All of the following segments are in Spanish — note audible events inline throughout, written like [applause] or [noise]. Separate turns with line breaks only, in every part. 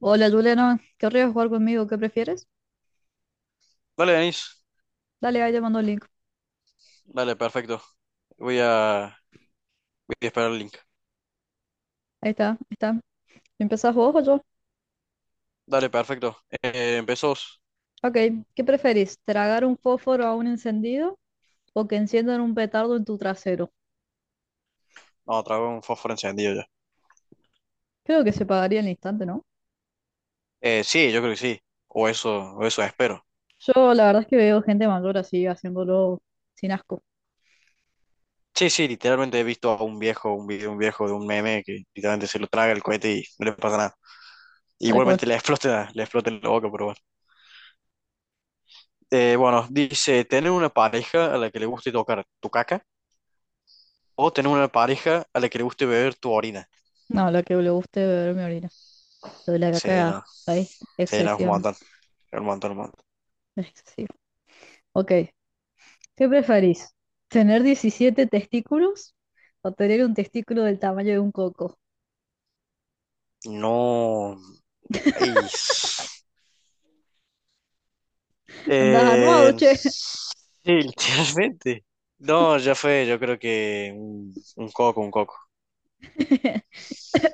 Hola Juliana, ¿querrías jugar conmigo? ¿Qué prefieres?
Dale, Denis.
Dale, ahí te mando el link.
Dale, perfecto. Voy a, voy a esperar el link.
Ahí está, ahí está. ¿Empezás vos o yo?
Dale, perfecto. ¿Empezamos?
Ok, ¿qué preferís? ¿Tragar un fósforo a un encendido o que enciendan un petardo en tu trasero?
No, traigo un fósforo encendido ya.
Creo que se pagaría en el instante, ¿no?
Sí, yo creo que sí. O eso, o eso espero.
Yo la verdad es que veo gente mayor así haciéndolo sin asco,
Sí, sí, literalmente he visto a un viejo, un video, un viejo de un meme que literalmente se lo traga el cohete y no le pasa nada.
tal
Igualmente
cual.
le [laughs] explota, le explota en la boca, pero bueno. Bueno, dice, tener una pareja a la que le guste tocar tu caca o tener una pareja a la que le guste beber tu orina.
No, la que le guste beber mi orina. Lo de la
Sí,
caca,
no,
ahí,
sí, no,
excesión,
es un montón, un montón.
es excesivo. Ok, ¿qué preferís? ¿Tener 17 testículos o tener un testículo del tamaño de un coco?
No. Y,
Andás armado, che.
sí, [laughs] literalmente. No, ya fue, yo creo que un coco, un coco.
[clears throat]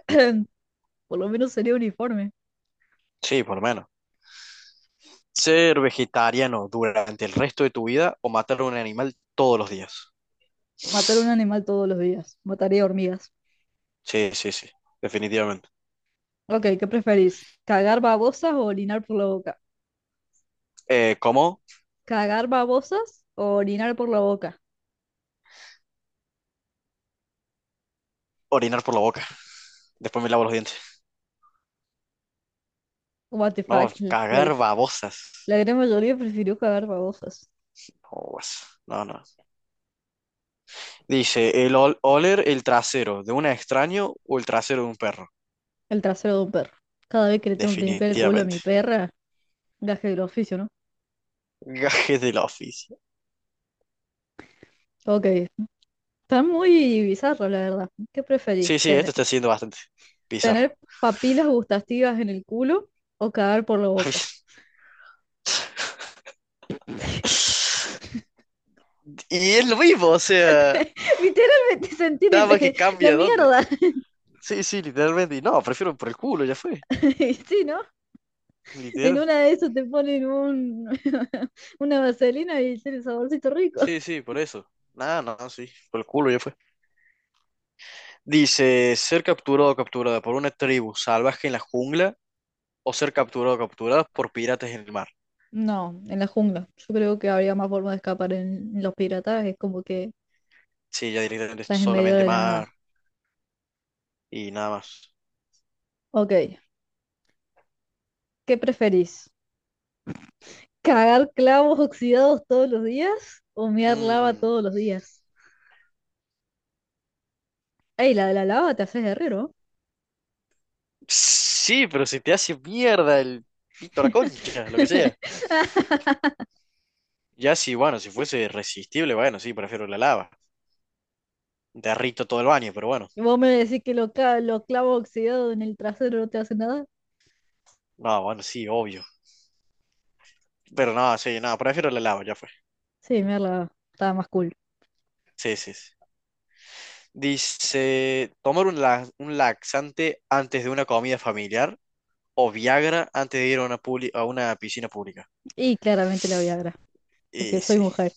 [laughs] Por lo menos sería uniforme.
Sí, por lo menos. Ser vegetariano durante el resto de tu vida o matar a un animal todos los días.
Matar un animal todos los días. Mataría hormigas.
Sí, sí, sí, definitivamente.
Ok, ¿qué preferís? ¿Cagar babosas o orinar por la boca?
¿Cómo?
¿Cagar babosas o orinar por la boca?
Orinar por la boca. Después me lavo los dientes.
What the
No,
fuck. La
cagar babosas.
gran mayoría prefirió cagar babosas.
No, guas. No, no. Dice, oler el trasero de un extraño o el trasero de un perro.
El trasero de un perro. Cada vez que le tengo que limpiar el culo a
Definitivamente.
mi perra, gaje del oficio, ¿no?
[laughs] Gajes del oficio.
Ok, está muy bizarro, la verdad. ¿Qué
Sí,
preferís?
sí, esto
¿
está siendo bastante bizarro.
tener papilas gustativas en el culo o cagar por la boca?
[laughs]
[laughs]
Y es lo mismo, o sea,
Literalmente [laughs] sentir
nada más que
la
cambia dónde.
mierda.
Sí, sí, literalmente. Y no, prefiero por el culo, ya fue.
[laughs] Y sí, ¿no? En
Literal.
una de esas te ponen un, [laughs] una vaselina y tiene saborcito rico.
Sí, sí, por eso. Nada, no, sí, por el culo, ya fue. Dice, ser capturado o capturada por una tribu salvaje en la jungla o ser capturado o capturada por piratas en el mar.
No, en la jungla. Yo creo que habría más forma de escapar en los piratajes, como que
Sí, ya directamente es
estás en medio
solamente
de la
mar
nada.
y nada más.
Ok, ¿qué preferís? ¿Cagar clavos oxidados todos los días o mear lava
Mm,
todos los días? Ey, la de la lava te haces guerrero.
sí, pero si te hace mierda el pito a la concha, lo que sea. Ya sí, bueno, si fuese resistible, bueno, sí, prefiero la lava. Derrito todo el baño, pero bueno.
[laughs] ¿Vos me decís que los clavos oxidados en el trasero no te hacen nada?
No, bueno, sí, obvio. Pero no, sí, no, prefiero la lava, ya fue.
Sí, mear lava. Está más cool.
Sí, sí. Sí. Dice, tomar un laxante antes de una comida familiar o Viagra antes de ir a a una piscina pública.
Y claramente la Viagra, porque
Y
soy
sí,
mujer.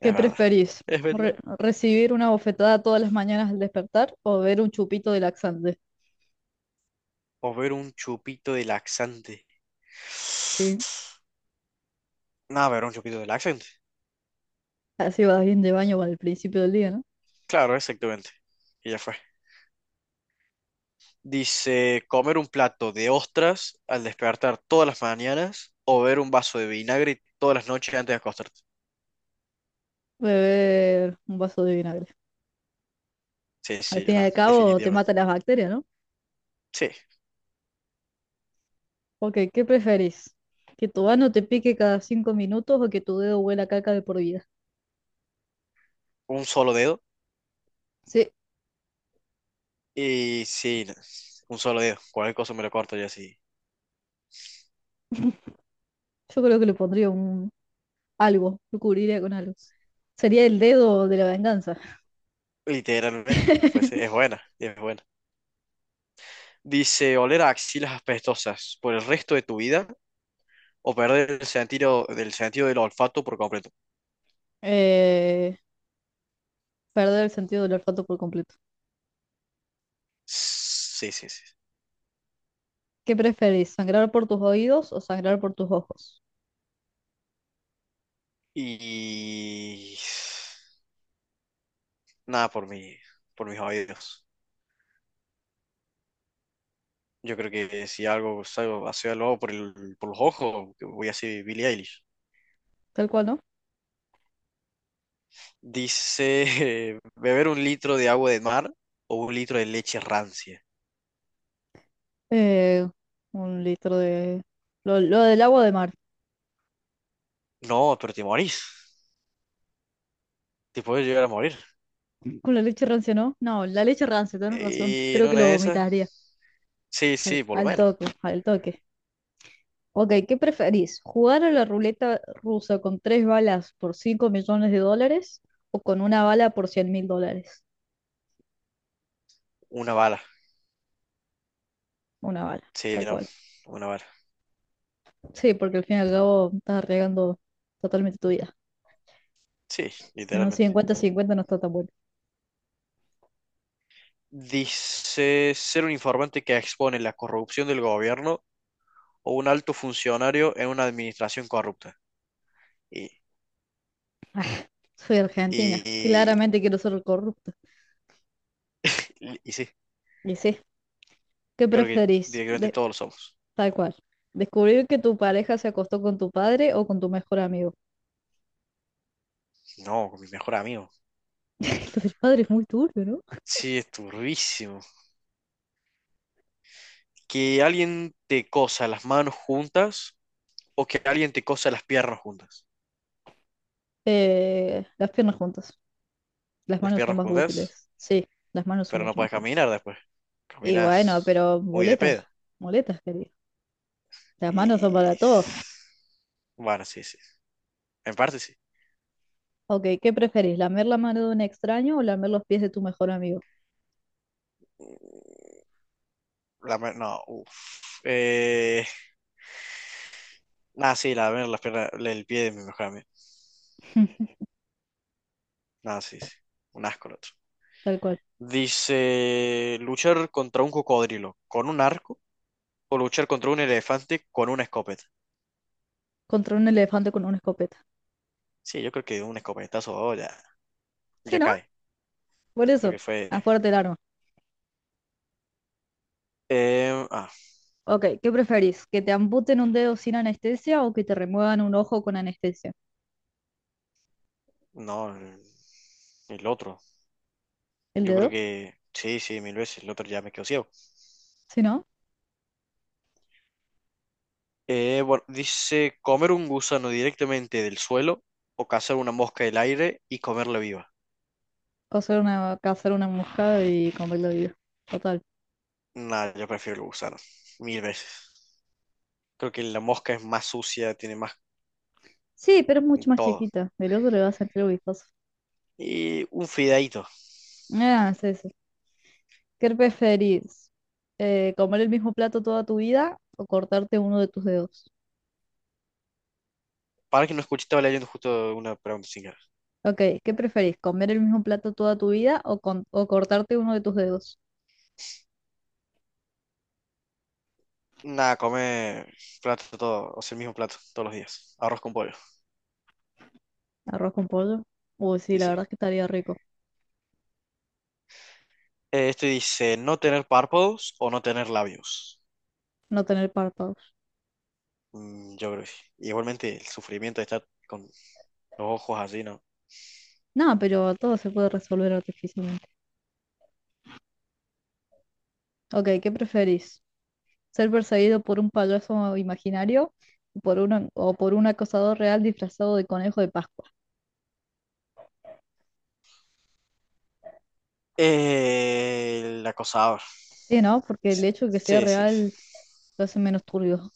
¿Qué
es verdad.
preferís?
Es verdad.
¿Recibir una bofetada todas las mañanas al despertar o beber un chupito de laxante?
O ver un chupito de laxante.
Sí,
No, ver un chupito de laxante.
así vas bien de baño al principio del día, ¿no?
Claro, exactamente. Y ya fue. Dice, comer un plato de ostras al despertar todas las mañanas o beber un vaso de vinagre todas las noches antes de acostarte.
Beber un vaso de vinagre.
Sí,
Al
sí, yo
fin y al
también,
cabo te
definitivamente.
mata las bacterias, ¿no?
Sí,
Ok, ¿qué preferís? ¿Que tu ano te pique cada cinco minutos o que tu dedo huela a caca de por vida?
un solo dedo
Sí,
y sí, no, un solo dedo. Cualquier cosa me lo corto yo así.
yo creo que le pondría un algo, lo cubriría con algo. Sería el dedo de la venganza.
Literalmente, pues es
[laughs]
buena, es buena. Dice, oler a axilas apestosas por el resto de tu vida o perder el sentido del olfato por completo.
Eh, Perder el sentido del olfato por completo.
Sí, sí, sí.
¿Qué preferís? ¿Sangrar por tus oídos o sangrar por tus ojos?
Y nada por mí, por mis oídos. Yo creo que si algo salgo hacia el- por los ojos, que voy a ser Billie Eilish.
Tal cual, ¿no?
Dice, [laughs] beber un litro de agua de mar o un litro de leche rancia.
Eh, un litro de... lo del agua de mar.
No, pero te morís. Te puedes llegar a morir.
¿Con la leche rancia, no? No, la leche rancia, tenés razón.
Y en
Creo que
una
lo
de
vomitaría.
esas, sí,
Al
sí, por lo
al
menos.
toque, al toque. Ok, ¿qué preferís? ¿Jugar a la ruleta rusa con tres balas por 5 millones de dólares o con una bala por 100 mil dólares?
Una bala.
Una bala,
Sí,
tal
no,
cual.
una bala.
Sí, porque al fin y al cabo estás arriesgando totalmente tu vida.
Sí,
En un
literalmente.
cincuenta 50 no está tan bueno.
Dice, ser un informante que expone la corrupción del gobierno o un alto funcionario en una administración corrupta. Y,
Soy argentina.
y,
Claramente quiero ser el corrupto.
y sí.
Y sí, ¿qué
Creo que
preferís?
directamente todos lo somos.
Tal cual. Descubrir que tu pareja se acostó con tu padre o con tu mejor amigo.
No, con mi mejor amigo.
[laughs] Lo del padre es muy turbio, ¿no?
Sí, es turbísimo. Que alguien te cosa las manos juntas o que alguien te cosa las piernas juntas.
Las piernas juntas. Las
Las
manos son
piernas
más
juntas,
útiles. Sí, las manos son
pero no
mucho más
puedes
útiles.
caminar después.
Y bueno,
Caminas
pero
muy de
muletas.
pedo.
Muletas, querido. Las manos son para
Y...
todo.
Bueno, sí, sí. En parte sí.
Ok, ¿qué preferís? ¿Lamer la mano de un extraño o lamer los pies de tu mejor amigo?
No, uff. Nada, sí, las piernas, el pie de mi mejor amigo.
[laughs]
Nada, sí, sí. Un asco el otro.
Tal cual.
Dice, luchar contra un cocodrilo con un arco o luchar contra un elefante con una escopeta.
Contra un elefante con una escopeta.
Sí, yo creo que un escopetazo oh, ya,
Sí,
ya
¿no?
cae.
Por
Creo
eso,
que fue...
a fuerte el arma.
eh, ah,
Ok, ¿qué preferís? ¿Que te amputen un dedo sin anestesia o que te remuevan un ojo con anestesia?
no, el otro.
¿El
Yo creo
dedo?
que... Sí, sí, mil veces. El otro ya me quedó ciego.
Si no,
Bueno, dice, comer un gusano directamente del suelo o cazar una mosca del aire y comerla viva.
cazar una mosca y comerla viva. Total.
Nada, yo prefiero el gusano. Mil veces. Creo que la mosca es más sucia, tiene más
Sí, pero es mucho más
todo.
chiquita. El otro le va a sentir vistoso.
Y un fideíto.
Ah, sí, sí. ¿Qué preferís? ¿Comer el mismo plato toda tu vida o cortarte uno de tus dedos?
Para que no escuché, estaba leyendo justo una pregunta sin querer.
Ok, ¿qué preferís? ¿Comer el mismo plato toda tu vida o, con- o cortarte uno de tus dedos?
Nada, come plato todo, o sea, el mismo plato todos los días. Arroz con pollo.
¿Arroz con pollo? Uy, sí,
Y
la
sí.
verdad es que estaría rico
Este dice, no tener párpados o no tener labios.
no tener párpados.
Mm, yo creo que sí. Y igualmente el sufrimiento de estar con los ojos así, ¿no?
No, pero todo se puede resolver artificialmente. Ok, ¿qué preferís? ¿Ser perseguido por un payaso imaginario o por un acosador real disfrazado de conejo de Pascua?
El acosador.
Sí, ¿no? Porque el
Sí,
hecho de que sea
sí, sí.
real lo hace menos turbio.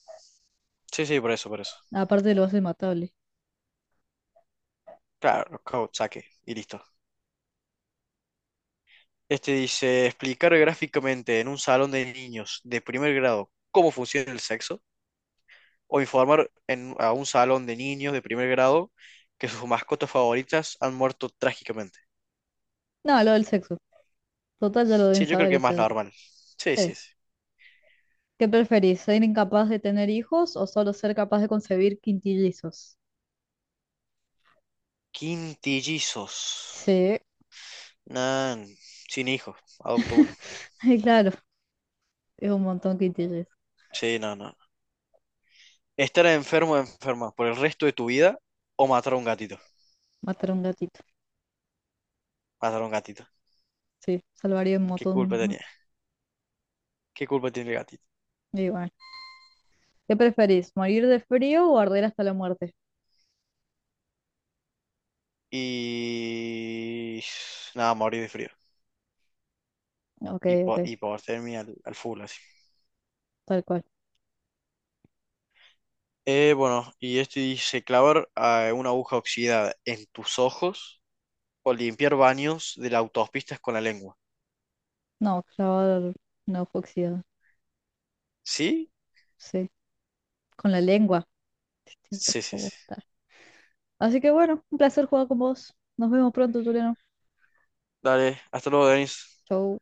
Sí, sí, por eso, por eso.
Aparte lo hace matable.
Claro, saque y listo. Este dice, explicar gráficamente en un salón de niños de primer grado cómo funciona el sexo. O informar a un salón de niños de primer grado que sus mascotas favoritas han muerto trágicamente.
No, lo del sexo. Total, ya lo deben
Sí, yo creo
saber,
que
o
es más
sea.
normal. Sí,
Sí.
sí, sí.
¿Qué preferís? ¿Ser incapaz de tener hijos o solo ser capaz de concebir quintillizos?
Quintillizos.
Sí.
Nah, sin hijos, adopto uno.
[laughs] Claro, es un montón quintillizos.
Sí, no, no. Estar enfermo o enferma por el resto de tu vida o matar a un gatito.
Matar a un gatito.
Matar a un gatito.
Sí, salvaría un
¿Qué
montón
culpa
más.
tenía? ¿Qué culpa tiene el gatito?
Y bueno. ¿Qué preferís? ¿Morir de frío o arder hasta la muerte?
Y... Nada, morir de frío.
Ok, ok,
Hipotermia al, al full, así.
tal cual.
Bueno, y esto dice clavar una aguja oxidada en tus ojos o limpiar baños de las autopistas con la lengua.
No, clavar oxidado,
¿Sí?
sí, con la lengua. [laughs] Hostia, se
Sí, sí,
fue
sí.
bosta. Así que bueno, un placer jugar con vos. Nos vemos pronto, Juliano.
Dale, hasta luego, Denis.
Chau.